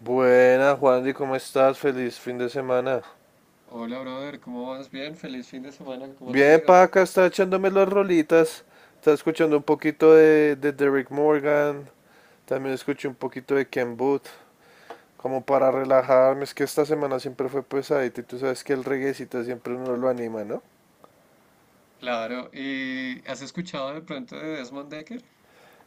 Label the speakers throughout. Speaker 1: Buenas, Juandy, ¿cómo estás? Feliz fin de semana.
Speaker 2: Hola, brother, ¿cómo vas? Bien, feliz fin de semana, ¿cómo te
Speaker 1: Bien,
Speaker 2: digo?
Speaker 1: pa, acá está echándome las rolitas. Está escuchando un poquito de Derek Morgan. También escuché un poquito de Ken Booth. Como para relajarme, es que esta semana siempre fue pesadita y tú sabes que el reguecito siempre uno lo anima, ¿no?
Speaker 2: Claro, ¿y has escuchado de pronto de Desmond Decker?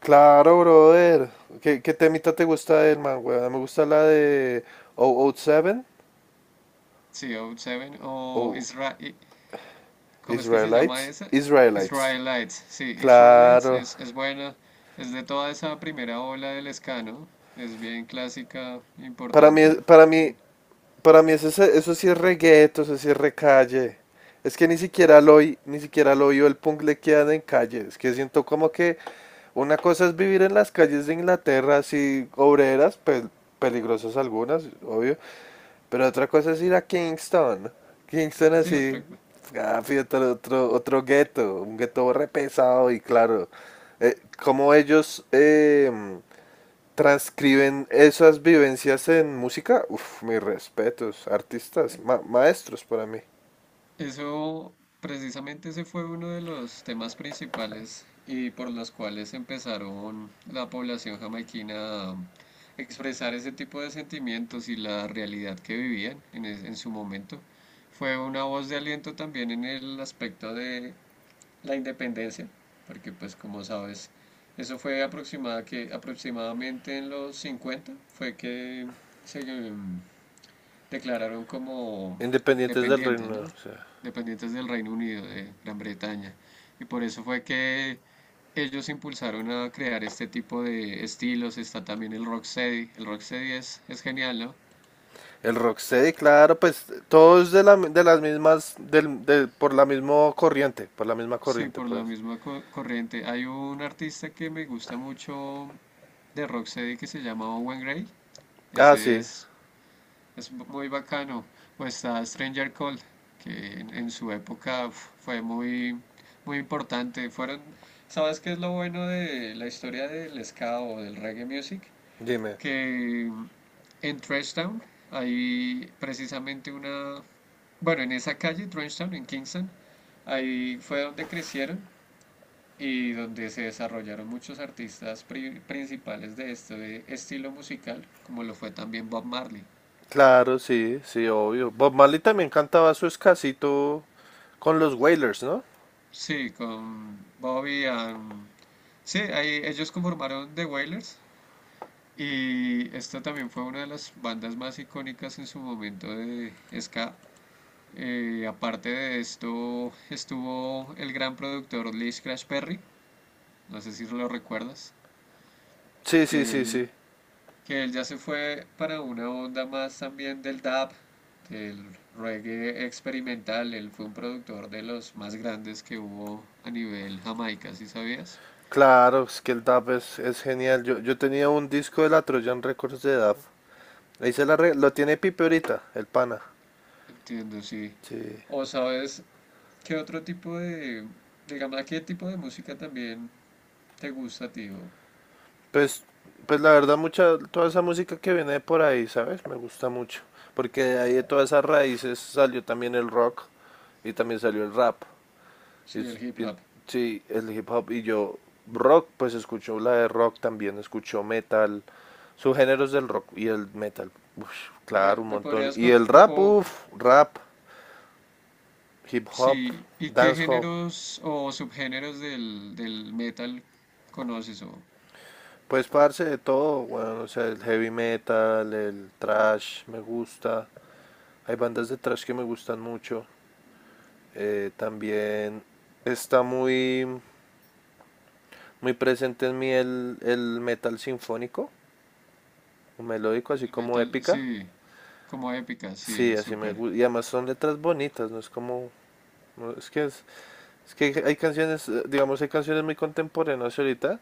Speaker 1: Claro, brother. ¿Qué temita te gusta del man, weón? Me gusta la de 007
Speaker 2: Co Seven o
Speaker 1: o
Speaker 2: Israel, ¿cómo es que se llama
Speaker 1: Israelites.
Speaker 2: esa?
Speaker 1: Israelites.
Speaker 2: Israelites, sí, Israelites
Speaker 1: Claro.
Speaker 2: es, es buena, es de toda esa primera ola del ska, ¿no? Es bien clásica,
Speaker 1: Para mí,
Speaker 2: importante.
Speaker 1: para mí,
Speaker 2: Mm.
Speaker 1: Para mí eso, eso sí es reggaeto, eso sí es recalle. Es que ni siquiera lo oí o el punk le quedan en calle. Es que siento como que una cosa es vivir en las calles de Inglaterra, así obreras, peligrosas algunas, obvio. Pero otra cosa es ir a Kingston. Kingston
Speaker 2: Sí,
Speaker 1: así,
Speaker 2: otra cosa.
Speaker 1: ah, otro gueto, un gueto re pesado y claro. eh, Como ellos, transcriben esas vivencias en música. Uf, mis respetos, artistas, maestros para mí,
Speaker 2: Eso, precisamente ese fue uno de los temas principales y por los cuales empezaron la población jamaiquina a expresar ese tipo de sentimientos y la realidad que vivían en su momento. Fue una voz de aliento también en el aspecto de la independencia, porque pues como sabes, eso fue aproximadamente en los 50 fue que se, mm, declararon como
Speaker 1: independientes del
Speaker 2: independientes,
Speaker 1: reino,
Speaker 2: ¿no?
Speaker 1: o sea,
Speaker 2: Independientes del Reino Unido, de Gran Bretaña. Y por eso fue que ellos impulsaron a crear este tipo de estilos. Está también el rocksteady. El rocksteady es genial, ¿no?
Speaker 1: el rocksteady, claro, pues todos de, la, de las mismas, del, de- por la misma corriente,
Speaker 2: Sí, por
Speaker 1: por
Speaker 2: la
Speaker 1: así.
Speaker 2: corriente. Hay un artista que me gusta mucho de rocksteady que se llama Owen Gray.
Speaker 1: Ah,
Speaker 2: Ese
Speaker 1: sí,
Speaker 2: es. Es muy bacano. O está Stranger Call, que en su época uf, fue muy, muy importante. Fueron, ¿sabes qué es lo bueno de la historia del ska o del reggae music?
Speaker 1: dime.
Speaker 2: Que en Trenchtown hay precisamente una, bueno, en esa calle, Trenchtown, en Kingston, ahí fue donde crecieron y donde se desarrollaron muchos artistas principales de este estilo musical, como lo fue también Bob Marley.
Speaker 1: Claro, sí, sí, obvio. Bob Marley también cantaba su escasito con los Wailers, ¿no?
Speaker 2: Sí, con Bobby Sí, ahí ellos conformaron The Wailers y esta también fue una de las bandas más icónicas en su momento de ska. Aparte de esto, estuvo el gran productor Lee Scratch Perry, no sé si lo recuerdas,
Speaker 1: Sí, sí,
Speaker 2: que
Speaker 1: sí,
Speaker 2: él,
Speaker 1: sí.
Speaker 2: que él ya se fue para una onda más también del dub, del reggae experimental. Él fue un productor de los más grandes que hubo a nivel Jamaica, ¿sí sabías?
Speaker 1: Claro, es que el dub es genial. Yo tenía un disco de la Trojan Records de dub. Ahí lo tiene Pipe ahorita, el pana.
Speaker 2: Entiendo, sí.
Speaker 1: Sí.
Speaker 2: O sabes, ¿qué otro tipo de, digamos, a qué tipo de música también te gusta, tío?
Speaker 1: Pues, pues la verdad, mucha, toda esa música que viene de por ahí, ¿sabes? Me gusta mucho. Porque de ahí de todas esas raíces salió también el rock y también salió el rap. Y,
Speaker 2: Sí, el hip
Speaker 1: y-
Speaker 2: hop.
Speaker 1: sí, el hip hop. Y yo, rock, pues escucho la de rock también, escucho metal, subgéneros del rock y el metal. Uf,
Speaker 2: ¿Me,
Speaker 1: claro, un
Speaker 2: me
Speaker 1: montón.
Speaker 2: podrías,
Speaker 1: Y
Speaker 2: co-
Speaker 1: el rap,
Speaker 2: o,
Speaker 1: uff, rap, hip hop,
Speaker 2: Sí, ¿y qué
Speaker 1: dancehall.
Speaker 2: géneros o subgéneros del, del metal conoces? O
Speaker 1: Pues parce de todo, bueno, o sea, el heavy metal, el thrash me gusta. Hay bandas de thrash que me gustan mucho. También está muy presente en mí el metal sinfónico, melódico, así
Speaker 2: el
Speaker 1: como
Speaker 2: metal,
Speaker 1: épica.
Speaker 2: sí, como épica,
Speaker 1: Sí,
Speaker 2: sí,
Speaker 1: así me
Speaker 2: súper.
Speaker 1: gusta. Y además son letras bonitas, no es como... no, es que hay canciones, digamos, hay canciones muy contemporáneas ahorita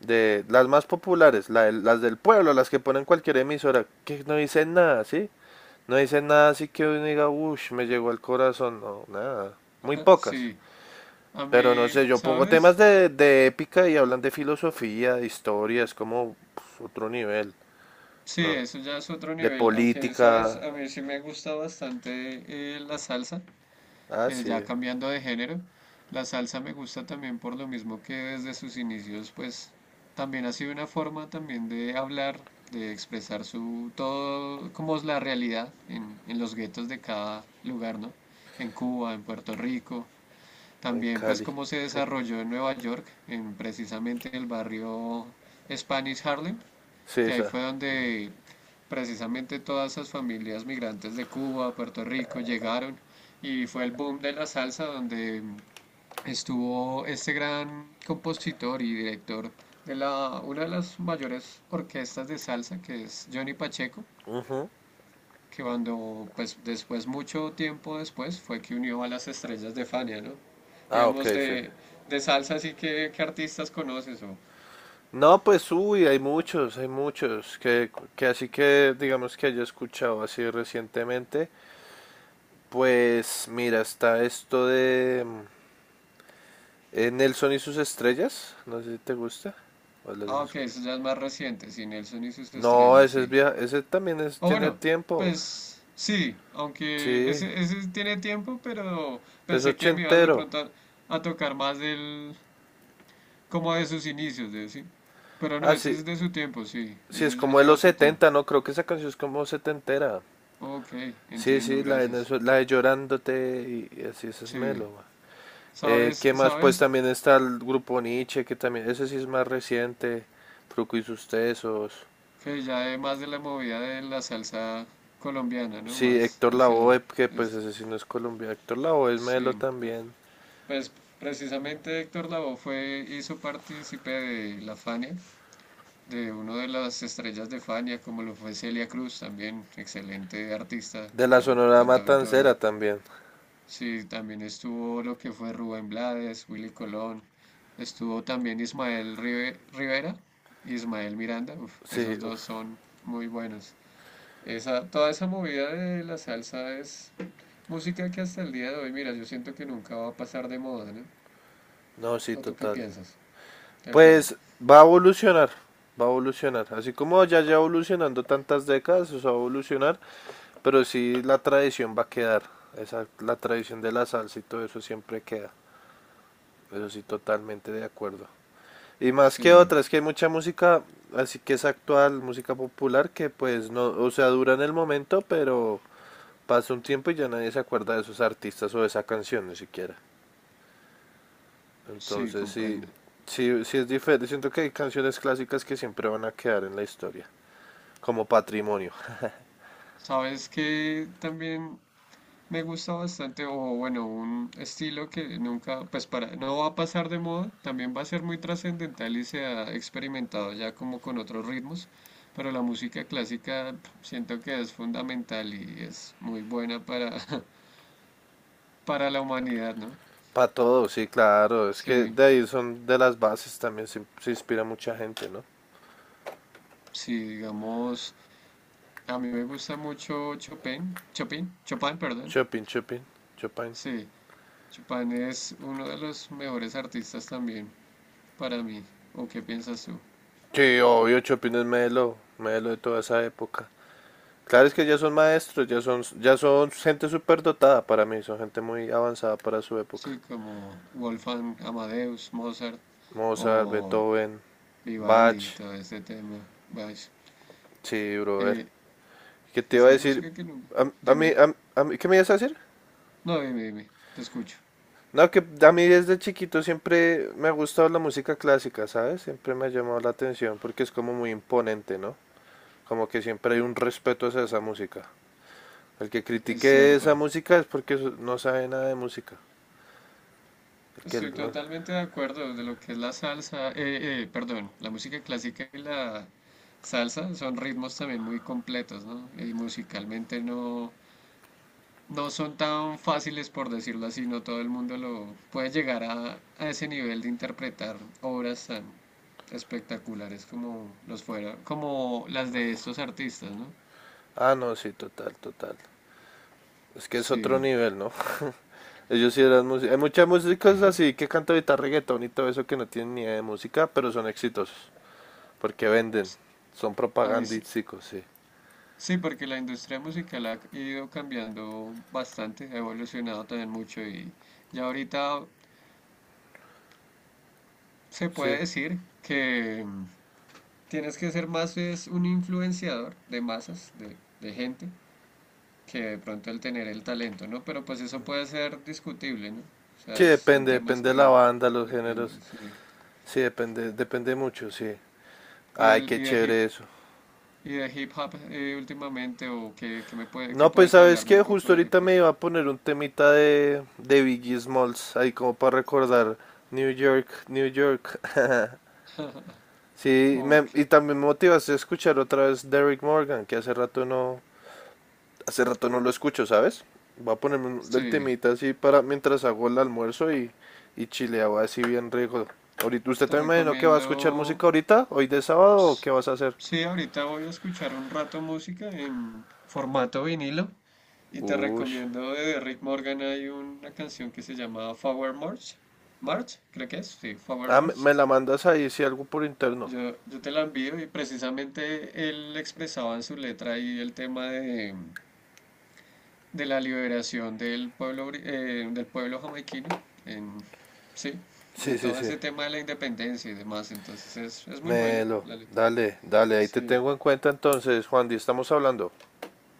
Speaker 1: de las más populares, la las del pueblo, las que ponen cualquier emisora, que no dicen nada, ¿sí? No dicen nada así que uno diga, uff, me llegó al corazón, no, nada, muy pocas.
Speaker 2: Sí, a
Speaker 1: Pero no
Speaker 2: mí,
Speaker 1: sé, yo pongo
Speaker 2: ¿sabes?
Speaker 1: temas de épica y hablan de filosofía, de historia, es como pues, otro nivel,
Speaker 2: Sí,
Speaker 1: ¿no?
Speaker 2: eso ya es otro
Speaker 1: De
Speaker 2: nivel, aunque, ¿sabes?
Speaker 1: política,
Speaker 2: A mí sí me gusta bastante la salsa.
Speaker 1: ah,
Speaker 2: Ya
Speaker 1: sí,
Speaker 2: cambiando de género, la salsa me gusta también por lo mismo que desde sus inicios, pues también ha sido una forma también de hablar, de expresar su todo, como es la realidad en los guetos de cada lugar, ¿no? En Cuba, en Puerto Rico,
Speaker 1: en
Speaker 2: también pues
Speaker 1: Cali,
Speaker 2: cómo se desarrolló en Nueva York, en precisamente el barrio Spanish Harlem,
Speaker 1: sí,
Speaker 2: que ahí
Speaker 1: esa.
Speaker 2: fue donde precisamente todas esas familias migrantes de Cuba, Puerto Rico, llegaron y fue el boom de la salsa donde estuvo este gran compositor y director de la, una de las mayores orquestas de salsa, que es Johnny Pacheco,
Speaker 1: Ujú.
Speaker 2: que cuando, pues después, mucho tiempo después, fue que unió a las estrellas de Fania, ¿no?
Speaker 1: Ah,
Speaker 2: Digamos,
Speaker 1: ok, sí.
Speaker 2: de salsa, así que, ¿qué artistas conoces? O,
Speaker 1: No, pues uy, hay muchos, que así que digamos que haya escuchado así recientemente, pues mira, está esto de Nelson y sus estrellas, no sé si te gusta. ¿O lo has
Speaker 2: ah, ok, eso ya es más reciente, sí, Nelson y sus
Speaker 1: no,
Speaker 2: estrellas,
Speaker 1: ese es
Speaker 2: sí.
Speaker 1: vieja, ese también es,
Speaker 2: O
Speaker 1: tiene
Speaker 2: bueno,
Speaker 1: tiempo,
Speaker 2: pues sí, aunque
Speaker 1: sí,
Speaker 2: ese tiene tiempo, pero
Speaker 1: pues
Speaker 2: pensé que me ibas de
Speaker 1: ochentero.
Speaker 2: pronto a tocar más del, como de sus inicios, de sí. Pero no,
Speaker 1: Ah,
Speaker 2: ese
Speaker 1: sí,
Speaker 2: es de su tiempo, sí,
Speaker 1: sí, es
Speaker 2: ese ya
Speaker 1: como de
Speaker 2: lleva
Speaker 1: los
Speaker 2: su tiempo.
Speaker 1: 70, no, creo que esa canción es como setentera.
Speaker 2: Ok,
Speaker 1: Sí,
Speaker 2: entiendo,
Speaker 1: sí, la de,
Speaker 2: gracias.
Speaker 1: La de Llorándote y así, esa es
Speaker 2: Sí,
Speaker 1: Melo.
Speaker 2: sabes,
Speaker 1: ¿Qué más? Pues
Speaker 2: sabes
Speaker 1: también está el grupo Nietzsche, que también, ese sí es más reciente, Fruco y sus tesos.
Speaker 2: que ya es más de la movida de la salsa colombiana, ¿no?
Speaker 1: Sí,
Speaker 2: Más
Speaker 1: Héctor
Speaker 2: hacia
Speaker 1: Lavoe, que pues
Speaker 2: este.
Speaker 1: ese sí no es Colombia, Héctor Lavoe es Melo
Speaker 2: Sí, no,
Speaker 1: también.
Speaker 2: pues precisamente Héctor Lavoe fue, hizo partícipe de la Fania de una de las estrellas de Fania, como lo fue Celia Cruz, también excelente artista,
Speaker 1: De la Sonora
Speaker 2: cantautora.
Speaker 1: Matancera también.
Speaker 2: Sí, también estuvo lo que fue Rubén Blades, Willy Colón, estuvo también Rivera, Ismael Miranda, uf,
Speaker 1: Sí,
Speaker 2: esos dos
Speaker 1: uf,
Speaker 2: son muy buenos. Esa, toda esa movida de la salsa es música que hasta el día de hoy, mira, yo siento que nunca va a pasar de moda, ¿no?
Speaker 1: no, sí,
Speaker 2: ¿O tú qué
Speaker 1: total.
Speaker 2: piensas del tema?
Speaker 1: Pues va a evolucionar, va a evolucionar. Así como ya evolucionando tantas décadas, o sea, va a evolucionar, pero sí la tradición va a quedar. Esa, la tradición de la salsa y todo eso siempre queda. Eso sí, totalmente de acuerdo. Y más que
Speaker 2: Sí,
Speaker 1: otras, que hay mucha música, así que es actual, música popular, que pues no, o sea, dura en el momento, pero pasa un tiempo y ya nadie se acuerda de esos artistas o de esa canción ni siquiera.
Speaker 2: sí,
Speaker 1: Entonces sí,
Speaker 2: comprendo.
Speaker 1: sí, sí es diferente. Siento que hay canciones clásicas que siempre van a quedar en la historia, como patrimonio.
Speaker 2: Sabes que también me gusta bastante, o bueno, un estilo que nunca, pues para, no va a pasar de moda, también va a ser muy trascendental y se ha experimentado ya como con otros ritmos, pero la música clásica pf, siento que es fundamental y es muy buena para, para la humanidad, ¿no?
Speaker 1: Para todo, sí, claro. Es que
Speaker 2: Sí,
Speaker 1: de ahí son de las bases también, se inspira mucha gente, ¿no?
Speaker 2: sí, digamos, a mí me gusta mucho Chopin, Chopin, Chopin, perdón.
Speaker 1: Chopin, Chopin, Chopin.
Speaker 2: Sí, Chopin es uno de los mejores artistas también para mí. ¿O qué piensas tú?
Speaker 1: Sí, obvio, Chopin es Melo, Melo de toda esa época. Claro, es que ya son maestros, ya son gente súper dotada para mí, son gente muy avanzada para su época.
Speaker 2: Sí, como Wolfgang Amadeus, Mozart
Speaker 1: Mozart,
Speaker 2: o
Speaker 1: Beethoven,
Speaker 2: Vivaldi,
Speaker 1: Bach,
Speaker 2: todo este tema. Vaya,
Speaker 1: sí, brother.
Speaker 2: eh,
Speaker 1: ¿Qué te iba a
Speaker 2: esa es
Speaker 1: decir?
Speaker 2: música que no... Dime,
Speaker 1: ¿Qué me ibas a decir?
Speaker 2: no, dime, dime, te escucho.
Speaker 1: No, que a mí desde chiquito siempre me ha gustado la música clásica, ¿sabes? Siempre me ha llamado la atención porque es como muy imponente, ¿no? Como que siempre hay un respeto hacia esa música. El que
Speaker 2: Es
Speaker 1: critique
Speaker 2: cierto.
Speaker 1: esa música es porque no sabe nada de música. El que
Speaker 2: Estoy
Speaker 1: no...
Speaker 2: totalmente de acuerdo de lo que es perdón, la música clásica y la salsa son ritmos también muy completos, ¿no? Y musicalmente no son tan fáciles, por decirlo así, no todo el mundo lo puede llegar a ese nivel de interpretar obras tan espectaculares como los fuera, como las de estos artistas, ¿no?
Speaker 1: ah, no, sí, total, total. Es que es otro
Speaker 2: Sí,
Speaker 1: nivel, ¿no? Ellos sí eran músicos. Hay muchas músicas así que cantan ahorita reggaetón y todo eso que no tienen ni idea de música, pero son exitosos. Porque venden.
Speaker 2: s-
Speaker 1: Son
Speaker 2: ahí sí,
Speaker 1: propagandísticos, sí.
Speaker 2: sí, porque la industria musical ha ido cambiando bastante, ha evolucionado también mucho y ya ahorita se
Speaker 1: Sí.
Speaker 2: puede decir que tienes que ser más es un influenciador de masas, de gente, que de pronto el tener el talento, ¿no? Pero pues eso puede ser discutible, ¿no? O sea,
Speaker 1: Sí,
Speaker 2: son temas
Speaker 1: depende de la
Speaker 2: que
Speaker 1: banda, los géneros.
Speaker 2: dependen, sí.
Speaker 1: Sí, depende mucho, sí.
Speaker 2: ¿Y
Speaker 1: Ay,
Speaker 2: del,
Speaker 1: qué
Speaker 2: y de hip,
Speaker 1: chévere eso.
Speaker 2: ¿Y de hip hop últimamente o qué, qué
Speaker 1: No, pues
Speaker 2: puedes
Speaker 1: sabes
Speaker 2: hablarme
Speaker 1: que
Speaker 2: un poco
Speaker 1: justo
Speaker 2: de hip
Speaker 1: ahorita me
Speaker 2: hop?
Speaker 1: iba a poner un temita de Biggie Smalls, ahí como para recordar New York, New York. Sí,
Speaker 2: Ok,
Speaker 1: y también me motivas a escuchar otra vez Derrick Morgan, que hace rato no lo escucho, ¿sabes? Voy a ponerme el
Speaker 2: sí,
Speaker 1: temita así para mientras hago el almuerzo y chileo así bien rico. Ahorita, ¿usted
Speaker 2: te
Speaker 1: también me imagino que va a escuchar
Speaker 2: recomiendo.
Speaker 1: música ahorita, hoy de sábado, o qué
Speaker 2: s-
Speaker 1: vas a hacer?
Speaker 2: Sí, ahorita voy a escuchar un rato música en formato vinilo y te
Speaker 1: Uy,
Speaker 2: recomiendo de Rick Morgan hay una canción que se llama Forward March. March, creo que es, sí, Forward
Speaker 1: ah,
Speaker 2: March.
Speaker 1: me la mandas ahí, si algo por interno.
Speaker 2: Yo te la envío y precisamente él expresaba en su letra ahí el tema de la liberación del pueblo, del pueblo jamaiquino, en, sí,
Speaker 1: Sí,
Speaker 2: de
Speaker 1: sí,
Speaker 2: todo
Speaker 1: sí.
Speaker 2: ese tema de la independencia y demás, entonces es muy buena
Speaker 1: Melo,
Speaker 2: la letra.
Speaker 1: dale, dale, ahí te
Speaker 2: Sí.
Speaker 1: tengo en cuenta entonces, Juan, y estamos hablando.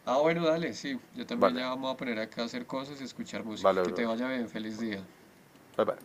Speaker 2: Ah, bueno, dale, sí, yo también
Speaker 1: Vale,
Speaker 2: ya vamos a poner acá a hacer cosas y escuchar música.
Speaker 1: vale,
Speaker 2: Que te
Speaker 1: brother.
Speaker 2: vaya bien, feliz día.
Speaker 1: Bye, bye.